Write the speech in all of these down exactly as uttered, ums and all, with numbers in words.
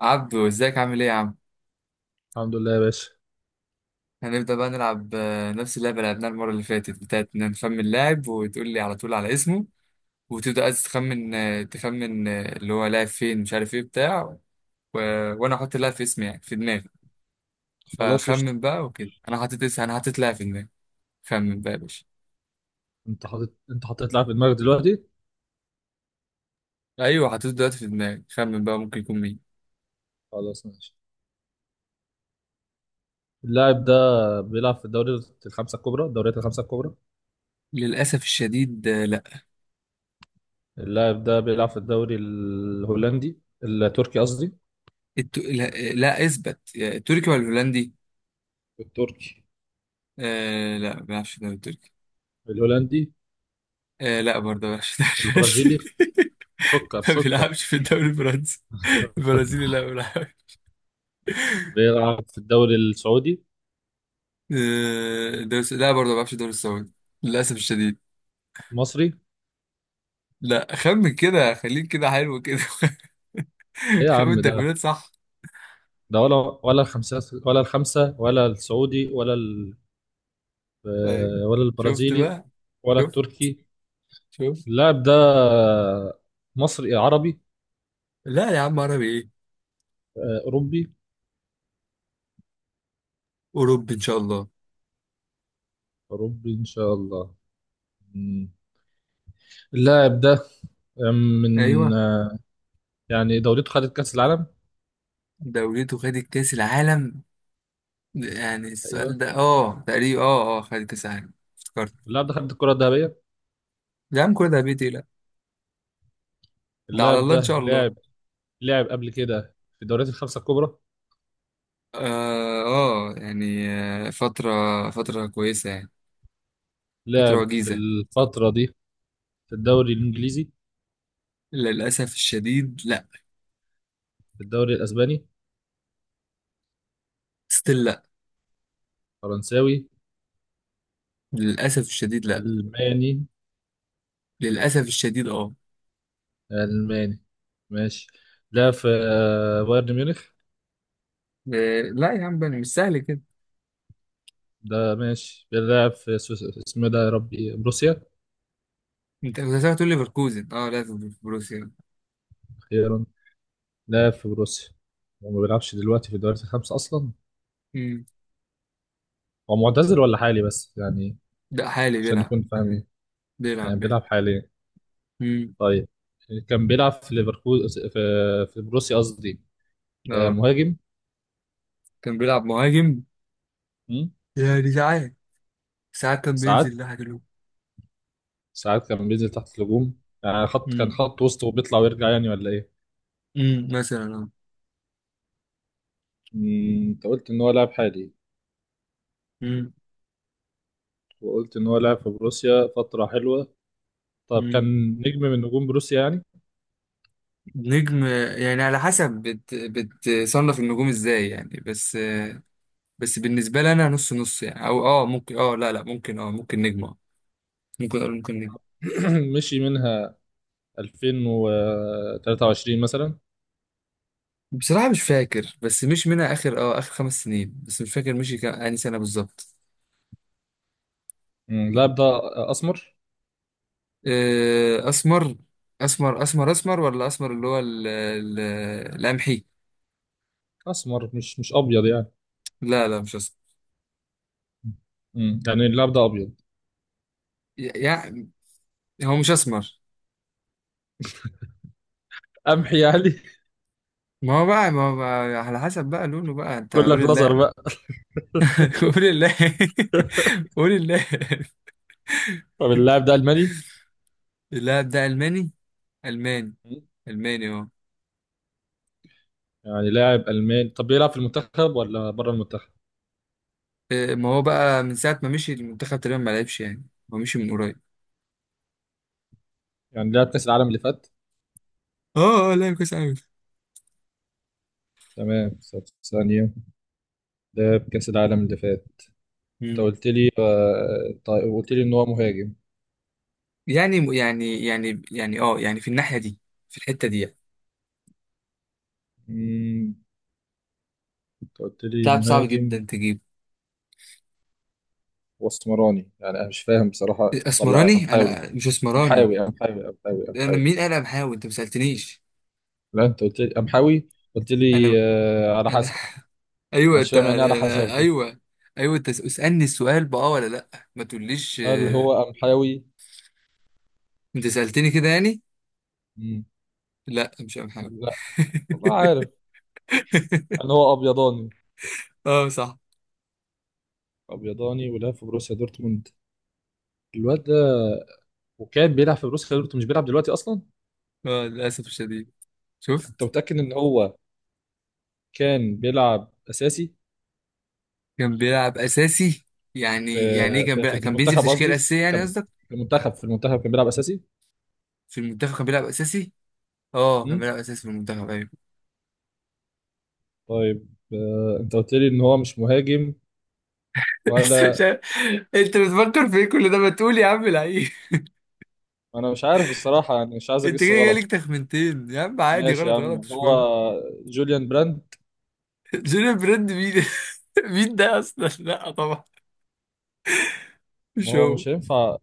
عبدو، ازيك عامل ايه يا عم؟ الحمد لله يا باشا. هنبدأ بقى نلعب، آه، نفس اللعبة اللي لعبناها المرة اللي فاتت بتاعت إن نخمن لاعب وتقول لي على طول على اسمه. وتبدأ عايز تخمن آه، تخمن آه، اللي هو لاعب فين، مش عارف ايه بتاع و... وانا احط اللاعب في اسمي، يعني في دماغي. خلاص قشطة. فخمن بقى وكده، انا حطيت اسم انا حطيت لاعب في دماغي. خمن بقى يا باشا. انت حاطط، انت حطيت لاعب في دماغك دلوقتي؟ ايوه حطيته دلوقتي في دماغي، خمن بقى ممكن يكون مين. خلاص ماشي. اللاعب ده بيلعب في الدوري الخمسة الكبرى، الدوريات الخمسة الكبرى. للأسف الشديد، آه، لا. اللاعب ده بيلعب في الدوري الهولندي، التركي قصدي، الت... لا، لا اثبت، يا التركي ولا الهولندي. التركي، آه لا، ما بيعرفش الدوري التركي. الهولندي، آه لا برضه، ما بيعرفش الدوري البرازيلي، الهولندي. سكر ما سكر. بيلعبش في الدوري الفرنسي، البرازيلي لا ما بيلعبش. بيلعب في الدوري السعودي، آه، الدوري الس- لا برضه، ما بيلعبش في الدوري السعودي، للأسف الشديد. المصري. لا، خمن كده، خليك كده، حلو كده. ايه يا خمن عم ده؟ تكوينات صح. ده ولا، ولا الخمسة، ولا الخمسة، ولا السعودي، ولا ال... ايوه. آه، ولا شفت البرازيلي، بقى؟ ولا شفت، التركي. شفت. اللاعب ده مصري، عربي؟ لا يا عم، عربي ايه؟ آه، أوروبي. أوروبي إن شاء الله. أوروبي إن شاء الله. مم. اللاعب ده من ايوه، آه، يعني دولته خدت كأس العالم؟ دولته خدت كأس العالم. يعني أيوه. السؤال ده اه تقريبا اه اه خدت كأس العالم، افتكرت. اللاعب ده خد الكرة الذهبية. يا عم كل ده بيتي، لا. ده على اللاعب الله إن ده شاء الله. لاعب، لاعب قبل كده في الدوريات الخمسة الكبرى. اه آه، يعني آه، فترة فترة كويسة يعني. فترة لاعب في وجيزة. الفترة دي في الدوري الإنجليزي، للأسف الشديد لا. في الدوري الأسباني، ستيل لا. فرنساوي، للأسف الشديد لا. ألماني. للأسف الشديد اه ألماني ماشي. لاعب في آه، بايرن ميونخ؟ آه، لا يا عم، بني مش سهل كده. ده ماشي بيلعب في سويس- اسمه إيه ده يا ربي؟ بروسيا. انت كنت هتقول لي ليفركوزن، اه لا، في بروسيا. ايرون، لا، في بروسيا. هو ما بيلعبش دلوقتي في الدوريات الخمسة أصلا؟ امم. هو معتزل ولا حالي بس يعني؟ ده حالي عشان بيلعب، نكون فاهمين، يعني بيلعب بيلعب. بيلعب حاليا؟ امم. طيب كان بيلعب في ليفركوز، في في بروسيا قصدي. آه، اه مهاجم. كان بيلعب مهاجم. مم. يعني ساعات، ساعات كان ساعات، بينزل ناحية الهجوم. ساعات كان بينزل تحت الهجوم، يعني خط، كان امم. خط وسط وبيطلع ويرجع يعني ولا ايه؟ امم مثلا اه مم، انت قلت ان هو لاعب حالي، وقلت ان هو لاعب في بروسيا فترة حلوة. طب كان امم. نجم من نجوم بروسيا يعني؟ نجم يعني، على حسب بت... بتصنف النجوم ازاي يعني، بس بس بالنسبة لي انا، نص نص يعني، او اه ممكن، اه لا لا ممكن، اه ممكن نجم، اه ممكن اقول ممكن نجم. مشي منها ألفين وتلاتة وعشرين مثلا؟ بصراحة مش فاكر، بس مش منها، اخر اه اخر خمس سنين، بس مش فاكر مشي كام، انهي سنة بالظبط. مم، اللاعب ده اسمر. آه، اسمر اسمر اسمر اسمر ولا اسمر، اللي هو ال... ال... القمحي. اسمر مش مش ابيض يعني. لا لا، مش اسمر مم، يعني اللاعب ده ابيض، يعني. هو مش اسمر. قمحي يعني؟ ما هو بقى، ما هو بقى، على حسب بقى لونه بقى، انت كلك قول لزر الله. بقى. قول الله. قول الله. طب اللاعب ده الماني؟ اللاعب ده ألماني. ألماني. مم. ألماني اه يعني لاعب الماني، طب بيلعب في المنتخب ولا بره المنتخب؟ آه، ما هو بقى من ساعة ما مشي المنتخب تقريبا ما لعبش يعني. هو مشي من قريب. يعني لعب كاس العالم اللي فات؟ اه، اه، لعب كويس أوي. تمام، طب ثانيه، لعب كاس العالم اللي فات؟ انت مم. قلت لي آه، طيب قلت لي ان هو مهاجم. يعني يعني يعني يعني اه يعني في الناحية دي، في الحتة دي يعني. مم، انت قلت لي لاعب صعب جدا مهاجم، تجيب. واسمراني يعني؟ انا مش فاهم بصراحه، ولا اسمراني؟ امحاوي، انا مش اسمراني. امحاوي، امحاوي، امحاوي، انا امحاوي؟ مين؟ انا بحاول، انت ما سألتنيش. لا انت قلت لي قمحاوي. قلت لي انا آه على انا حسب. ايوه، معرفش، انت فاهم يعني إيه على أنا- حسب دي؟ ايوه. ايوه، انت اسألني السؤال بقى ولا لا. ما تقوليش هل آه، هو قمحاوي؟ انت سألتني كده يعني؟ مم. لا، مش أنا بحاول. لا والله عارف. هل هو ابيضاني؟ اه صح. ابيضاني ولعب في بروسيا دورتموند، الواد ده. وكان بيلعب في بروسيا دورتموند، مش بيلعب دلوقتي اصلا. اه، للاسف الشديد. انت شفت. متاكد ان هو كان بيلعب اساسي كان بيلعب اساسي. في يعني، يعني ايه كان في في بيلعب؟ كان بينزل في المنتخب تشكيله قصدي، اساسيه يعني كان قصدك؟ في المنتخب، في المنتخب كان بيلعب اساسي؟ في المنتخب كان بيلعب اساسي. اه كان مم. بيلعب اساسي في المنتخب، ايوه. طيب آه انت قلت لي ان هو مش مهاجم بس ولا؟ مش عارف- انت بتفكر في ايه كل ده؟ ما تقول يا عم لعيب. انا مش عارف الصراحه يعني، مش عايز انت كده اجس جاي غلط. لك تخمنتين يا عم، عادي، ماشي يا غلط عم، غلط مش هو مهم. جوليان براند؟ جيرين بريند مين؟ مين ده اصلا؟ لا طبعا، ما مش هو هو. مش هينفع.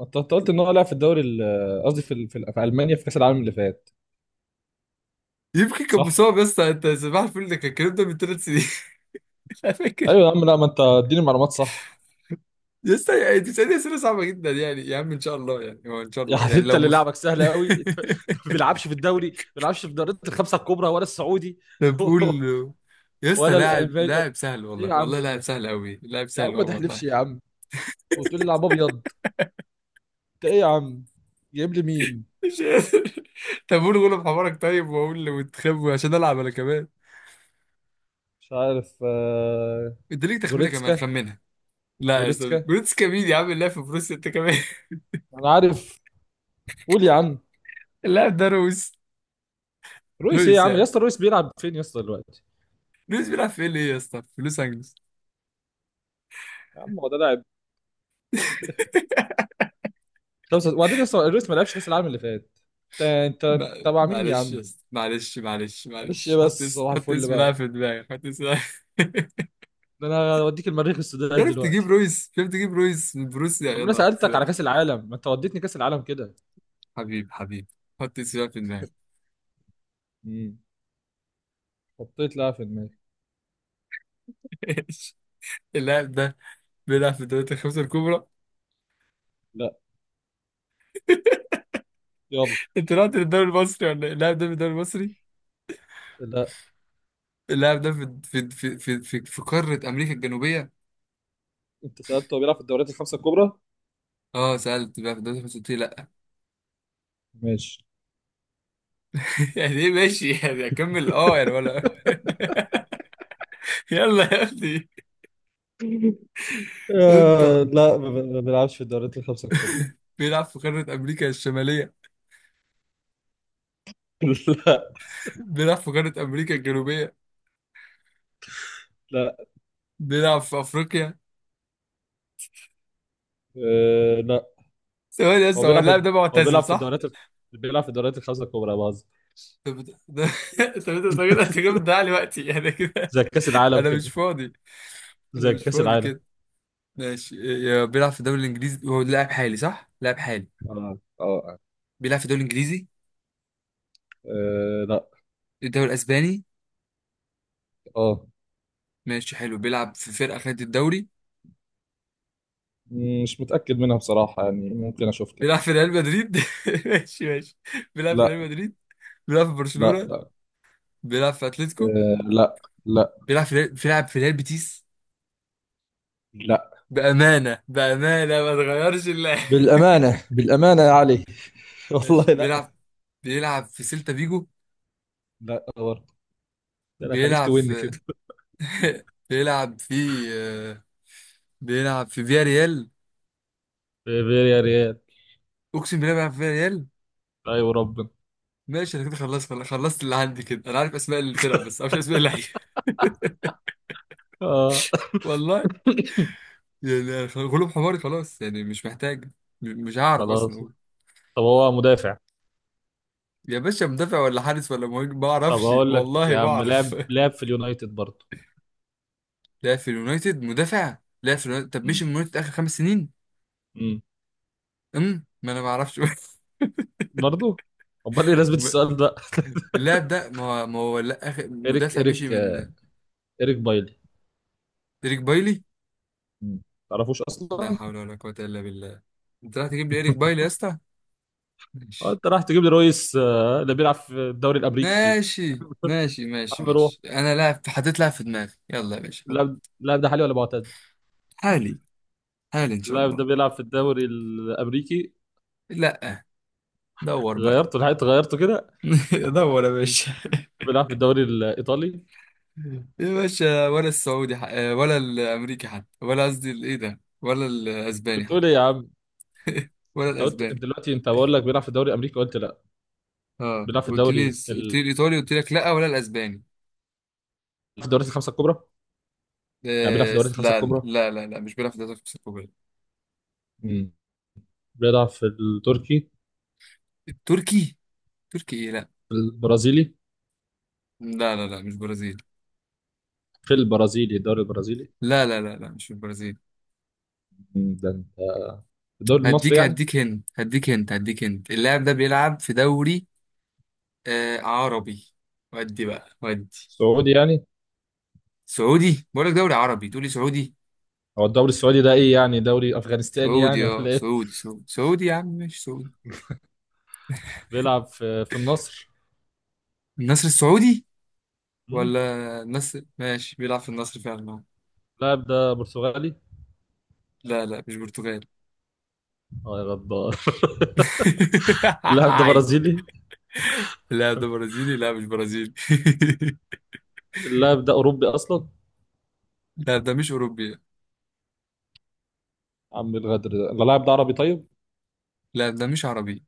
انت أنت قلت ان هو لعب في الدوري ال- قصدي في ال- في, ال- في المانيا في كاس العالم اللي فات. يمكن كان صح. مصاب يا اسطى، انت صباح الفل، ده كان الكلام ده من ثلاث سنين. انا فاكر. ايوه يا عم، لا ما انت اديني معلومات صح. لسه يعني، انت بتسألني اسئله صعبه جدا يعني يا عم، ان شاء الله يعني، هو ان شاء الله يعني يعني، انت لو اللي مس. لعبك سهل قوي. انت أنت ما بيلعبش في الدوري، ما بيلعبش في دوريات الخمسه الكبرى ولا السعودي طب قول يا اسطى. ولا لاعب الالماني. ايه لاعب سهل، يا والله عم والله لاعب ده؟ سهل قوي، لاعب يا سهل عم ما قوي تحلفش والله. يا عم، وتقول لي لعب ابيض. انت ايه يا عم، جايب لي مين؟ مش قادر. طب قول غلب حمارك، طيب، واقول له وتخبو عشان العب انا كمان. مش عارف. آه، انت ليك تخمينه كمان، جوريتسكا. خمنها. لا يا اسطى، جوريتسكا، جروتسكا مين يا عم؟ اللاعب في بروسيا انت كمان. انا عارف. قول يا عم. اللاعب ده رويس. رويس ايه يا رويس عم يا يعني اسطى؟ رويس بيلعب فين يا اسطى دلوقتي؟ رويس بيلعب في ال ايه يا اسطى، في لوس انجلوس. يا عم هو ده لاعب؟ خمسة- وبعدين يا اسطى رويس ما لعبش كاس العالم اللي فات. انت انت ما- تبع مين يا معلش يا عم؟ اسطى، معلش معلش معلش ايه معلش، حط بس، اسم صباح حط الفل اسم لاعب بقى. في دماغك، حط اسم لاعب. ده انا اوديك المريخ السوداني عرفت تجيب دلوقتي. رويس، عرفت تجيب رويس من بروسيا، طب ما انا يلا. سالتك على كاس العالم، ما انت وديتني كاس العالم كده. حبيب حبيب. حط اسم لاعب في دماغك. امم، حطيت لاعب في دماغي. ايش؟ اللاعب ده بيلعب في الدوريات الخمسة الكبرى. لا. يلا. انت رحت للدوري المصري ولا ايه؟ اللاعب ده في الدوري المصري. لا. اللاعب ده في في في في في, في قارة امريكا الجنوبية. انت سالته هو بيلعب في الدوريات الخمسه الكبرى. اه سألت بقى في الدوري الخمسة، قلت لي لا. ماشي. يعني ايه ماشي؟ يعني اكمل اه يعني، ولا؟ يلا يا ابني. انت آه لا، ما ب- ما بيلعبش في الدوريات الخمسة الكبرى. بيلعب في قارة امريكا الشمالية؟ لا. بيلعب في قارة أمريكا الجنوبية؟ لا. بيلعب في أفريقيا؟ آه لا. ثواني بس، هو هو بيلعب في، اللاعب ده هو معتزل بيلعب في صح؟ الدوريات ال- بيلعب في الدوريات الخمسة الكبرى باظ. طب ده ده. طب انت كده، انت كده بتضيع لي وقتي انا كده. زي كأس العالم انا كده. مش فاضي. انا زي مش كأس فاضي العالم. كده. ماشي. يا، بيلعب في الدوري الانجليزي، هو لاعب حالي صح؟ لاعب حالي. اه اه آه. بيلعب في الدوري الانجليزي. آه، لا. الدوري الاسباني. اه. ماشي حلو، بيلعب في فرقة خدت الدوري. مم، مش متأكد منها بصراحة يعني، ممكن أشوف بيلعب في لك. ريال مدريد. ماشي ماشي. بيلعب في ريال لا. مدريد. بيلعب في لا. برشلونة. لا. بيلعب في اتلتيكو. آه لا. لا. بيلعب في ريال- بيلعب في ريال بيتيس. لا. بأمانة بأمانة، ما تغيرش الله. بالأمانة بالأمانة يا علي. والله ماشي لا. بيلعب، بيلعب في سيلتا فيجو. لا برضه. ده انا خليك بيلعب توين في. كده. بيلعب في آه، بيلعب في فيا ريال. في فياريال. اقسم بالله بيلعب في فيا ريال. ايوه ربنا. ماشي، انا كده خلصت، خلصت خلصت اللي عندي كده. انا عارف اسماء الفرق بس ما اعرفش اسماء اللعيبه. اه. والله. يعني خ- غلوب حماري خلاص يعني، مش محتاج م- مش هعرف اصلا خلاص. اقول. طب هو مدافع؟ يا باشا، مدافع ولا حارس ولا مهاجم؟ ما طب اعرفش هقول لك والله يا ما عم، اعرف. لعب لعب في اليونايتد برضه. لا في اليونايتد مدافع؟ لا في اليونايتد، طب مش م. من اليونايتد اخر خمس سنين. م. امم. ما انا ما اعرفش. برضه؟ امال ايه لازمه م- السؤال ده؟ اللاعب ده ما هو، ما هو لا، اخر ايريك، مدافع مشي ايريك، آه، من. ايريك بايلي. إيريك بايلي؟ ما تعرفوش لا اصلا. حول ولا قوة إلا بالله. أنت رايح تجيب لي إيريك بايلي يا اسطى؟ اه ماشي انت راح تجيب لي رويس آه، اللي بيلعب في الدوري الامريكي. ماشي ماشي ماشي عم روح. ماشي أنا لاعب، حطيت لاعب في دماغي، يلا يا باشا، حط. لا لا، ده حالي ولا معتزل؟ حالي. حالي إن شاء لا ده الله. بيلعب في الدوري الامريكي. لا. دور بقى. غيرته، لحقت غيرته كده. دور يا باشا. بيلعب في الدوري الايطالي. يا باشا، ولا السعودي ح... ولا الأمريكي حتى، ولا قصدي الإيه ده، ولا الأسباني بتقول ايه يا حتى. عم؟ ولا انت قلت الأسباني. دلوقتي، انت بقول لك بيلعب في الدوري الامريكي، قلت لا. اه بيلعب في قلت لي، الدوري قلت لي ال... الايطالي، قلت لك لا، ولا الاسباني. في الدوريات الخمسه الكبرى؟ يعني بيلعب في آه الدوريات الخمسه لا الكبرى. لا لا لا، مش بيلعب في الدوري السعودي. مم. بيلعب في التركي، التركي؟ تركي ايه؟ لا في البرازيلي، لا لا لا، مش برازيل. في البرازيلي، الدوري البرازيلي. لا لا لا لا، مش في البرازيل. مم، ده الدوري المصري هديك يعني؟ هديك هند هديك هند هديك هند اللاعب ده بيلعب في دوري آه عربي. ودي بقى، ودي. السعودي يعني. سعودي؟ بقول لك دوري عربي تقول لي سعودي. هو الدوري السعودي ده ايه، يعني دوري افغانستاني سعودي يعني اه ولا ايه؟ سعودي سعودي سعودي يا عم، مش سعودي. بيلعب في في النصر. النصر السعودي. مم. ولا النصر، ماشي، بيلعب في النصر فعلا. اللاعب ده برتغالي؟ لا لا مش برتغالي. اه يا غدار. اللاعب ده برازيلي؟ لا ده برازيلي، لا مش برازيلي. اللاعب ده اوروبي اصلا؟ لا ده مش أوروبي. عم الغدر ده. اللاعب ده عربي طيب؟ لا ده مش عربي.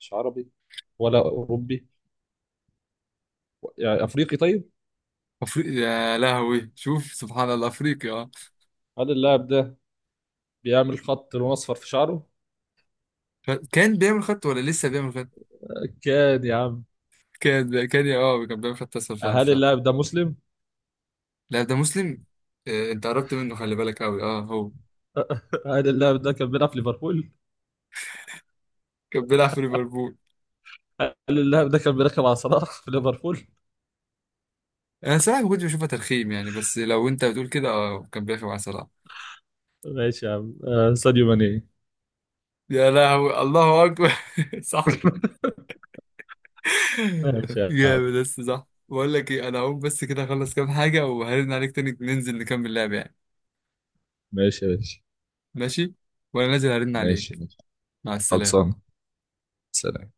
مش عربي ولا اوروبي، يعني افريقي طيب. أفريقي؟ يا لهوي شوف سبحان الله، أفريقيا اه هل اللاعب ده بيعمل خط لون اصفر في شعره؟ ف- كان بيعمل خط ولا لسه بيعمل خط؟ كان يا عم. كان، كان اه كان بيعمل خط أصلا فعلا هل فعلا. اللاعب ده مسلم؟ لا ده مسلم. آه، أنت قربت منه، خلي بالك أوي، اه هو. هل اللاعب ده كان بيلعب في ليفربول؟ كان بيلعب في ليفربول. هل اللاعب ده كان بيركب على صلاح في ليفربول؟ أنا صراحة ما كنتش بشوفها ترخيم يعني، بس لو أنت بتقول كده اه كان بيلعب مع صلاح. ماشي يا عم. آه، ساديو ماني. يا لهوي الله أكبر. صح. ماشي يا عم. جامد بس صح، بقول لك ايه، انا هقوم بس كده، اخلص كام حاجة وهرن عليك تاني، ننزل نكمل لعب يعني. ماشي يا باشا. ماشي. وانا نازل هرن ماشي عليك. ماشي. مع السلامة. خلصان. سلام.